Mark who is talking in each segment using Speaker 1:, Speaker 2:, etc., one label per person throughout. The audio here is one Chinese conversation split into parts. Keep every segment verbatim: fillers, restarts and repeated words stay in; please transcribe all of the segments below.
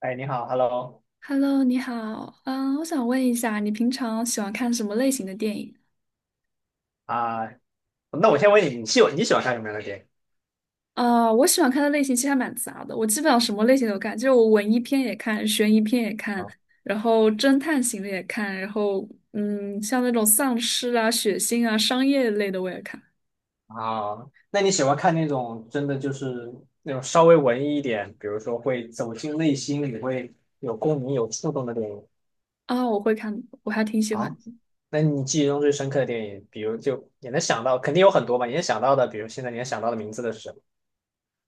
Speaker 1: 哎，你好，Hello。
Speaker 2: Hello，你好，嗯，我想问一下，你平常喜欢看什么类型的电影？
Speaker 1: 啊，那我先问你，你喜你喜欢看什么样的电影？
Speaker 2: 啊，我喜欢看的类型其实还蛮杂的，我基本上什么类型都看，就是我文艺片也看，悬疑片也看，
Speaker 1: 啊。
Speaker 2: 然后侦探型的也看，然后嗯，像那种丧尸啊、血腥啊、商业类的我也看。
Speaker 1: 啊，那你喜欢看那种真的就是那种稍微文艺一点，比如说会走进内心，你会有共鸣、有触动的电影？
Speaker 2: 啊，我会看，我还挺喜欢。
Speaker 1: 啊，那你记忆中最深刻的电影，比如就也能想到，肯定有很多吧？你能想到的，比如现在你能想到的名字的是什么？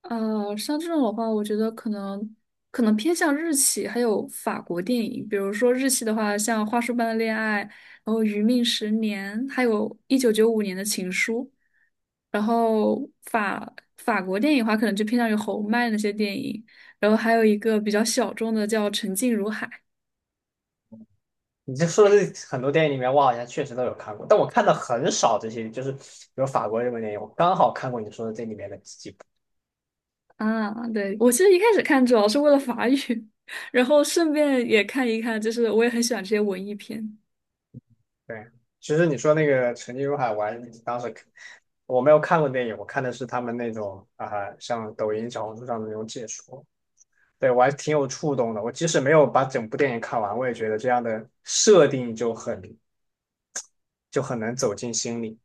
Speaker 2: 呃，像这种的话，我觉得可能可能偏向日系，还有法国电影，比如说日系的话，像《花束般的恋爱》，然后《余命十年》，还有一九九五年的《情书》，然后法法国电影的话，可能就偏向于侯麦那些电影，然后还有一个比较小众的叫《沉静如海》。
Speaker 1: 你这说的这很多电影里面，我好像确实都有看过，但我看的很少这些，就是比如法国日本电影，我刚好看过你说的这里面的几部。
Speaker 2: 啊，对，我其实一开始看主要是为了法语，然后顺便也看一看，就是我也很喜欢这些文艺片。
Speaker 1: 对，其实你说那个《沉浸如海》，我还当时我没有看过电影，我看的是他们那种啊、像抖音、小红书上的那种解说，对我还挺有触动的。我即使没有把整部电影看完，我也觉得这样的设定就很就很难走进心里。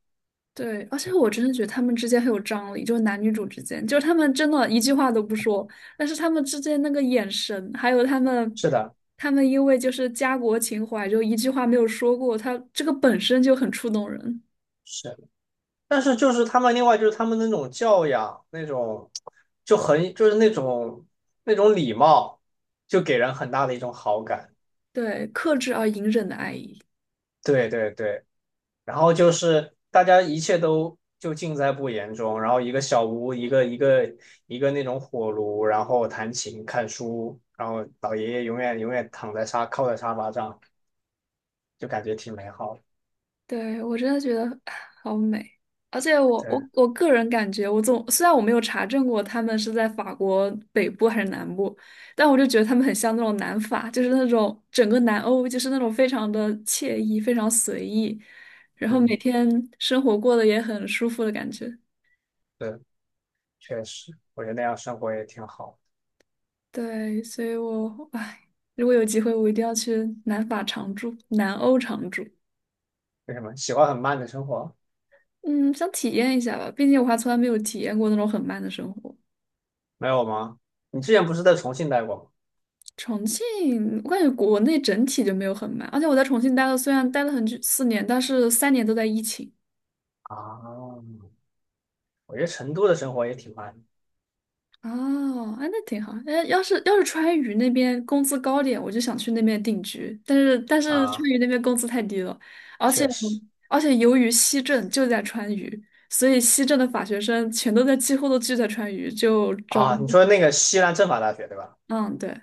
Speaker 2: 对，而且我真的觉得他们之间很有张力，就是男女主之间，就是他们真的一句话都不说，但是他们之间那个眼神，还有他们，
Speaker 1: 是的。
Speaker 2: 他们因为就是家国情怀，就一句话没有说过，他这个本身就很触动人。
Speaker 1: 是，但是就是他们另外就是他们那种教养，那种就很就是那种那种礼貌，就给人很大的一种好感。
Speaker 2: 对，克制而隐忍的爱意。
Speaker 1: 对对对。然后就是大家一切都就尽在不言中，然后一个小屋，一个一个一个那种火炉，然后弹琴、看书，然后老爷爷永远永远躺在沙靠在沙发上，就感觉挺美好的。
Speaker 2: 对，我真的觉得啊好美，而且我
Speaker 1: 对。
Speaker 2: 我我个人感觉，我总虽然我没有查证过他们是在法国北部还是南部，但我就觉得他们很像那种南法，就是那种整个南欧就是那种非常的惬意、非常随意，然后每
Speaker 1: 嗯。
Speaker 2: 天生活过得也很舒服的感觉。
Speaker 1: 对，确实，我觉得那样生活也挺好。
Speaker 2: 对，所以我唉，如果有机会，我一定要去南法常住、南欧常住。
Speaker 1: 为什么喜欢很慢的生活？
Speaker 2: 嗯，想体验一下吧，毕竟我还从来没有体验过那种很慢的生活。
Speaker 1: 没有吗？你之前不是在重庆待过吗？
Speaker 2: 重庆，我感觉国内整体就没有很慢，而且我在重庆待了，虽然待了很久四年，但是三年都在疫情。
Speaker 1: 啊，我觉得成都的生活也挺慢的。
Speaker 2: 哦，哎那挺好。哎，要是要是川渝那边工资高点，我就想去那边定居。但是但是川
Speaker 1: 啊，
Speaker 2: 渝那边工资太低了，而且
Speaker 1: 确实。
Speaker 2: 而且由于西政就在川渝，所以西政的法学生全都在几乎都聚在川渝，就找工
Speaker 1: 啊。你
Speaker 2: 作。
Speaker 1: 说那个西南政法大学对吧？
Speaker 2: 嗯，对，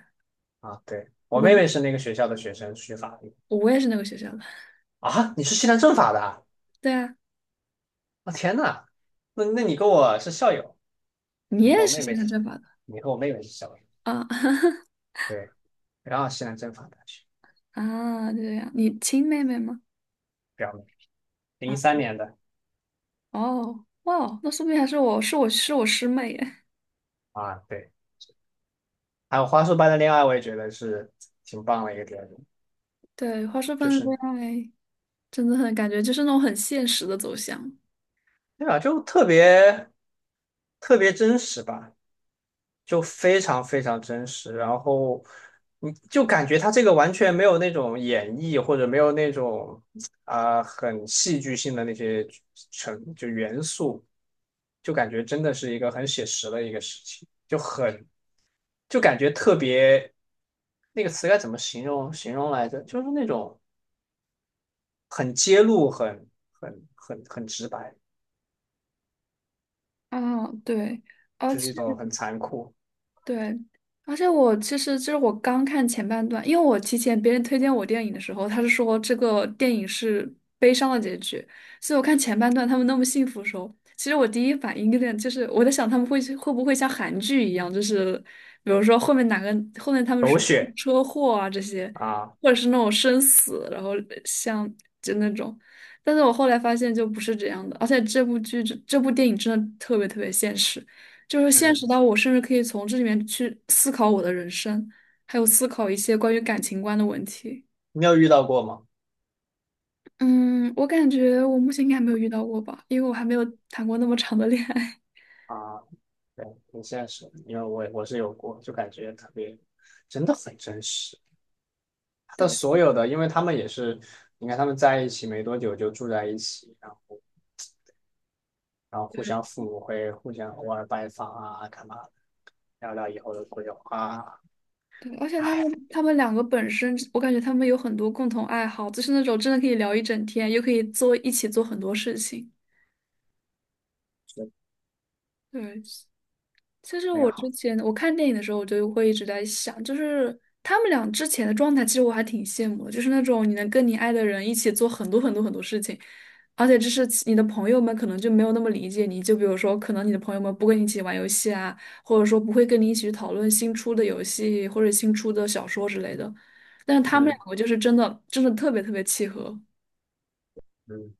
Speaker 1: 啊，对，我
Speaker 2: 我
Speaker 1: 妹
Speaker 2: 就
Speaker 1: 妹是那个学校的学生，学法律。
Speaker 2: 我也是那个学校的。
Speaker 1: 啊。你是西南政法的啊？
Speaker 2: 对啊，
Speaker 1: 啊天呐，那那你跟我是校友。
Speaker 2: 你
Speaker 1: 你和
Speaker 2: 也
Speaker 1: 我
Speaker 2: 是
Speaker 1: 妹
Speaker 2: 现
Speaker 1: 妹，
Speaker 2: 在政法的
Speaker 1: 你和我妹妹是校友。
Speaker 2: 啊。
Speaker 1: 对，然后西南政法大学。
Speaker 2: 啊，这样，你亲妹妹吗？
Speaker 1: 表妹，零
Speaker 2: 啊。
Speaker 1: 三年的。
Speaker 2: 哦，哇，那说不定还是我是我是我师妹耶。
Speaker 1: 啊，对。还有花束般的恋爱，我也觉得是挺棒的一个电影，
Speaker 2: 对，花束
Speaker 1: 就
Speaker 2: 般的
Speaker 1: 是。
Speaker 2: 恋爱真的很感觉就是那种很现实的走向。
Speaker 1: 对吧，就特别特别真实吧。就非常非常真实，然后你就感觉他这个完全没有那种演绎，或者没有那种啊、很戏剧性的那些成就元素，就感觉真的是一个很写实的一个事情，就很就感觉特别那个词该怎么形容形容来着？就是那种很揭露、很很很很直白，
Speaker 2: 啊，对。而
Speaker 1: 就是
Speaker 2: 且。
Speaker 1: 一种很残酷、
Speaker 2: 对，而且我其实就是我刚看前半段，因为我提前别人推荐我电影的时候，他是说这个电影是悲伤的结局，所以我看前半段他们那么幸福的时候，其实我第一反应有点就是我在想他们会会不会像韩剧一样，就是比如说后面哪个后面他们
Speaker 1: 狗
Speaker 2: 是
Speaker 1: 血
Speaker 2: 车祸啊这些，
Speaker 1: 啊。
Speaker 2: 或者是那种生死，然后像就那种，但是我后来发现就不是这样的，而且这部剧这这部电影真的特别特别现实。就是现
Speaker 1: 嗯，
Speaker 2: 实到我甚至可以从这里面去思考我的人生，还有思考一些关于感情观的问题。
Speaker 1: 你有遇到过吗？
Speaker 2: 嗯，我感觉我目前应该还没有遇到过吧，因为我还没有谈过那么长的恋爱。
Speaker 1: 啊，对，挺现实的，因为我我是有过，就感觉特别，真的很真实。他的所
Speaker 2: 对
Speaker 1: 有的，因为他们也是，你看他们在一起没多久就住在一起，然后然后互
Speaker 2: 对
Speaker 1: 相父母会互相偶尔拜访啊，干嘛的聊聊以后的规划啊，
Speaker 2: 对，而且他
Speaker 1: 哎，
Speaker 2: 们他们两个本身，我感觉他们有很多共同爱好，就是那种真的可以聊一整天，又可以做一起做很多事情。
Speaker 1: 真
Speaker 2: 对，其实
Speaker 1: 美
Speaker 2: 我之
Speaker 1: 好。
Speaker 2: 前我看电影的时候，我就会一直在想，就是他们俩之前的状态，其实我还挺羡慕的，就是那种你能跟你爱的人一起做很多很多很多事情，而且就是其你的朋友们可能就没有那么理解你，就比如说可能你的朋友们不跟你一起玩游戏啊，或者说不会跟你一起去讨论新出的游戏或者新出的小说之类的，但是他们
Speaker 1: 嗯。
Speaker 2: 两个就是真的真的特别特别契合。
Speaker 1: 嗯。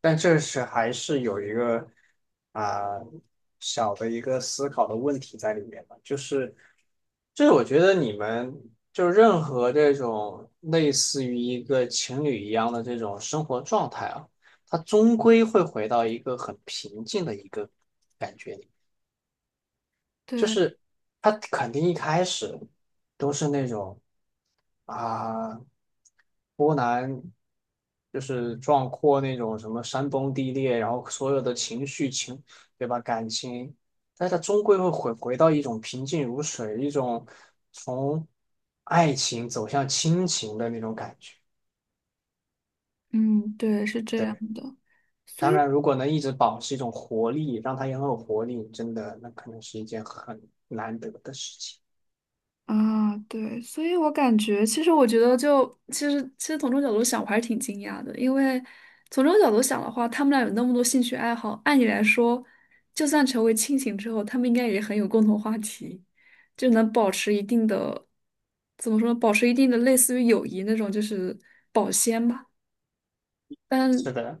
Speaker 1: 但这是还是有一个啊、小的一个思考的问题在里面吧，就是就是我觉得你们就任何这种类似于一个情侣一样的这种生活状态啊，它终归会回到一个很平静的一个感觉。里。就
Speaker 2: 对，
Speaker 1: 是他肯定一开始都是那种啊、波澜就是壮阔那种什么山崩地裂，然后所有的情绪情对吧感情，但是他终归会回回到一种平静如水，一种从爱情走向亲情的那种感觉。
Speaker 2: 嗯，对，是这样
Speaker 1: 对，
Speaker 2: 的。所
Speaker 1: 当
Speaker 2: 以。
Speaker 1: 然如果能一直保持一种活力，让他也很有活力，真的那可能是一件很难得的事情。
Speaker 2: 啊，对，所以我感觉，其实我觉得就，其实其实从这个角度想，我还是挺惊讶的，因为从这个角度想的话，他们俩有那么多兴趣爱好，按理来说，就算成为亲情之后，他们应该也很有共同话题，就能保持一定的，怎么说呢，保持一定的类似于友谊那种，就是保鲜吧。但。
Speaker 1: 是的。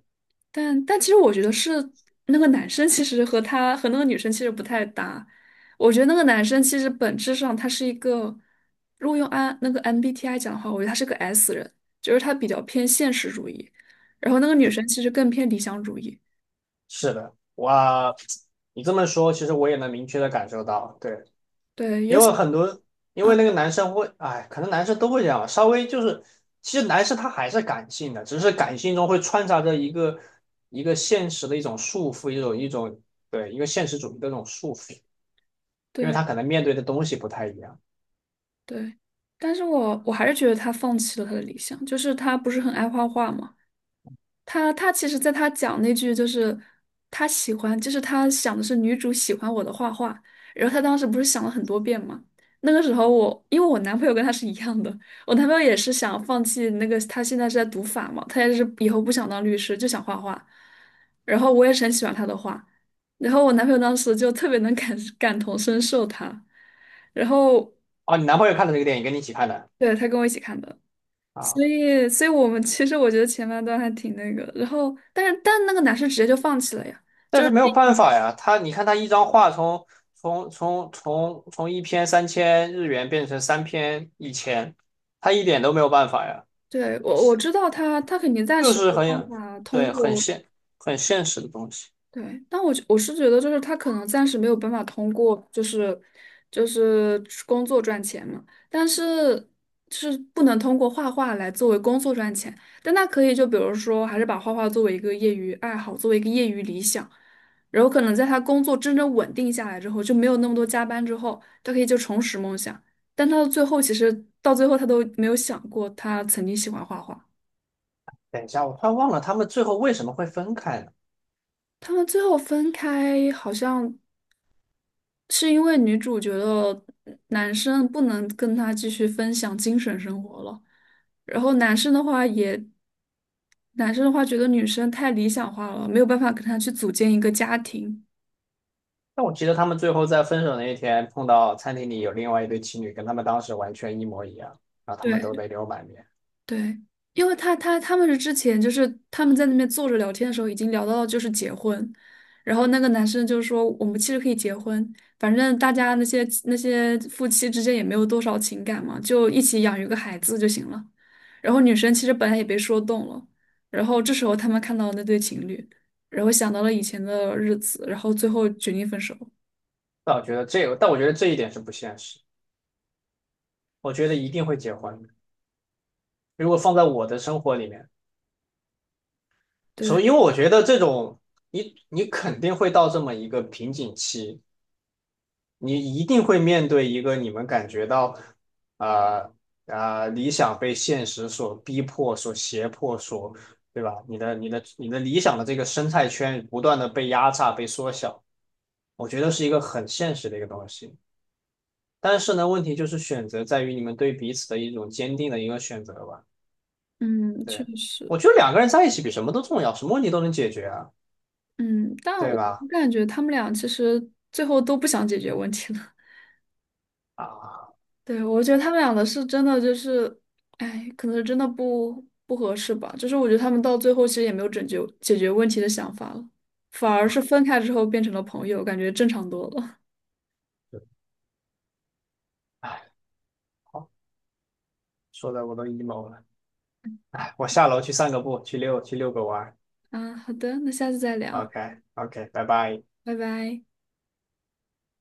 Speaker 2: 但但其实我觉得是那个男生其实和他和那个女生其实不太搭。我觉得那个男生其实本质上他是一个，如果用 I 那个 M B T I 讲的话，我觉得他是个 S 人，就是他比较偏现实主义，然后那个女生其实更偏理想主义。
Speaker 1: 是的，我你这么说，其实我也能明确的感受到，对，
Speaker 2: 对，
Speaker 1: 因
Speaker 2: 尤
Speaker 1: 为
Speaker 2: 其
Speaker 1: 很多，因
Speaker 2: 啊，
Speaker 1: 为那个男生会，哎，可能男生都会这样吧稍微就是，其实男生他还是感性的，只是感性中会穿插着一个一个现实的一种束缚，一种一种对一个现实主义的这种束缚，因为
Speaker 2: 对
Speaker 1: 他可能面对的东西不太一样。
Speaker 2: 对，但是我我还是觉得他放弃了他的理想，就是他不是很爱画画嘛。他他其实，在他讲那句就是他喜欢，就是他想的是女主喜欢我的画画，然后他当时不是想了很多遍嘛。那个时候我，因为我男朋友跟他是一样的，我男朋友也是想放弃那个，他现在是在读法嘛，他也是以后不想当律师，就想画画。然后我也是很喜欢他的画，然后我男朋友当时就特别能感感同身受他，然后
Speaker 1: 哦，你男朋友看的这个电影，跟你一起看的
Speaker 2: 对他跟我一起看的。
Speaker 1: 啊？
Speaker 2: 所以，所以我们其实我觉得前半段还挺那个，然后，但是但那个男生直接就放弃了呀。
Speaker 1: 但是没有办法呀，他你看他一张画从从从从从一篇三千日元变成三篇一千，他一点都没有办法呀，
Speaker 2: 对，我我知道他，他肯定暂
Speaker 1: 就
Speaker 2: 时没
Speaker 1: 是
Speaker 2: 有办
Speaker 1: 很
Speaker 2: 法通
Speaker 1: 对很
Speaker 2: 过。
Speaker 1: 现很现实的东西。
Speaker 2: 对，但我觉我是觉得，就是他可能暂时没有办法通过，就是就是工作赚钱嘛，但是是不能通过画画来作为工作赚钱，但他可以就比如说，还是把画画作为一个业余爱好，作为一个业余理想，然后可能在他工作真正稳定下来之后，就没有那么多加班之后，他可以就重拾梦想，但他的最后其实到最后他都没有想过他曾经喜欢画画。
Speaker 1: 等一下，我突然忘了他们最后为什么会分开呢？
Speaker 2: 他们最后分开，好像是因为女主觉得男生不能跟她继续分享精神生活了，然后男生的话也，男生的话觉得女生太理想化了，没有办法跟她去组建一个家庭。
Speaker 1: 但我记得他们最后在分手那一天碰到餐厅里有另外一对情侣，跟他们当时完全一模一样，然后他们都
Speaker 2: 对，
Speaker 1: 泪流满面。
Speaker 2: 对，因为他他他们是之前就是他们在那边坐着聊天的时候，已经聊到就是结婚，然后那个男生就说我们其实可以结婚，反正大家那些那些夫妻之间也没有多少情感嘛，就一起养育个孩子就行了。然后女生其实本来也被说动了，然后这时候他们看到那对情侣，然后想到了以前的日子，然后最后决定分手。
Speaker 1: 但我觉得这个，但我觉得这一点是不现实，我觉得一定会结婚的如果放在我的生活里面。所以，
Speaker 2: 对，
Speaker 1: 因为我觉得这种，你你肯定会到这么一个瓶颈期，你一定会面对一个你们感觉到，啊。啊，理想被现实所逼迫、所胁迫、所，对吧？你的你的你的理想的这个生态圈不断的被压榨、被缩小，我觉得是一个很现实的一个东西。但是呢，问题就是选择在于你们对彼此的一种坚定的一个选择吧。
Speaker 2: 嗯，
Speaker 1: 对，
Speaker 2: 确实，
Speaker 1: 我觉得两个人在一起比什么都重要，什么问题都能解决啊，
Speaker 2: 嗯，但
Speaker 1: 对
Speaker 2: 我
Speaker 1: 吧？
Speaker 2: 感觉他们俩其实最后都不想解决问题了。
Speaker 1: 啊。
Speaker 2: 对，我觉得他们俩的是真的就是，哎，可能是真的不不合适吧。就是我觉得他们到最后其实也没有拯救解决问题的想法了，反而是分开之后变成了朋友，感觉正常多了。
Speaker 1: 哎，好，说的我都 emo 了。哎，我下楼去散个步，去遛去遛个弯儿
Speaker 2: 啊，好的，那下次再聊，
Speaker 1: OK OK，拜拜。
Speaker 2: 拜拜。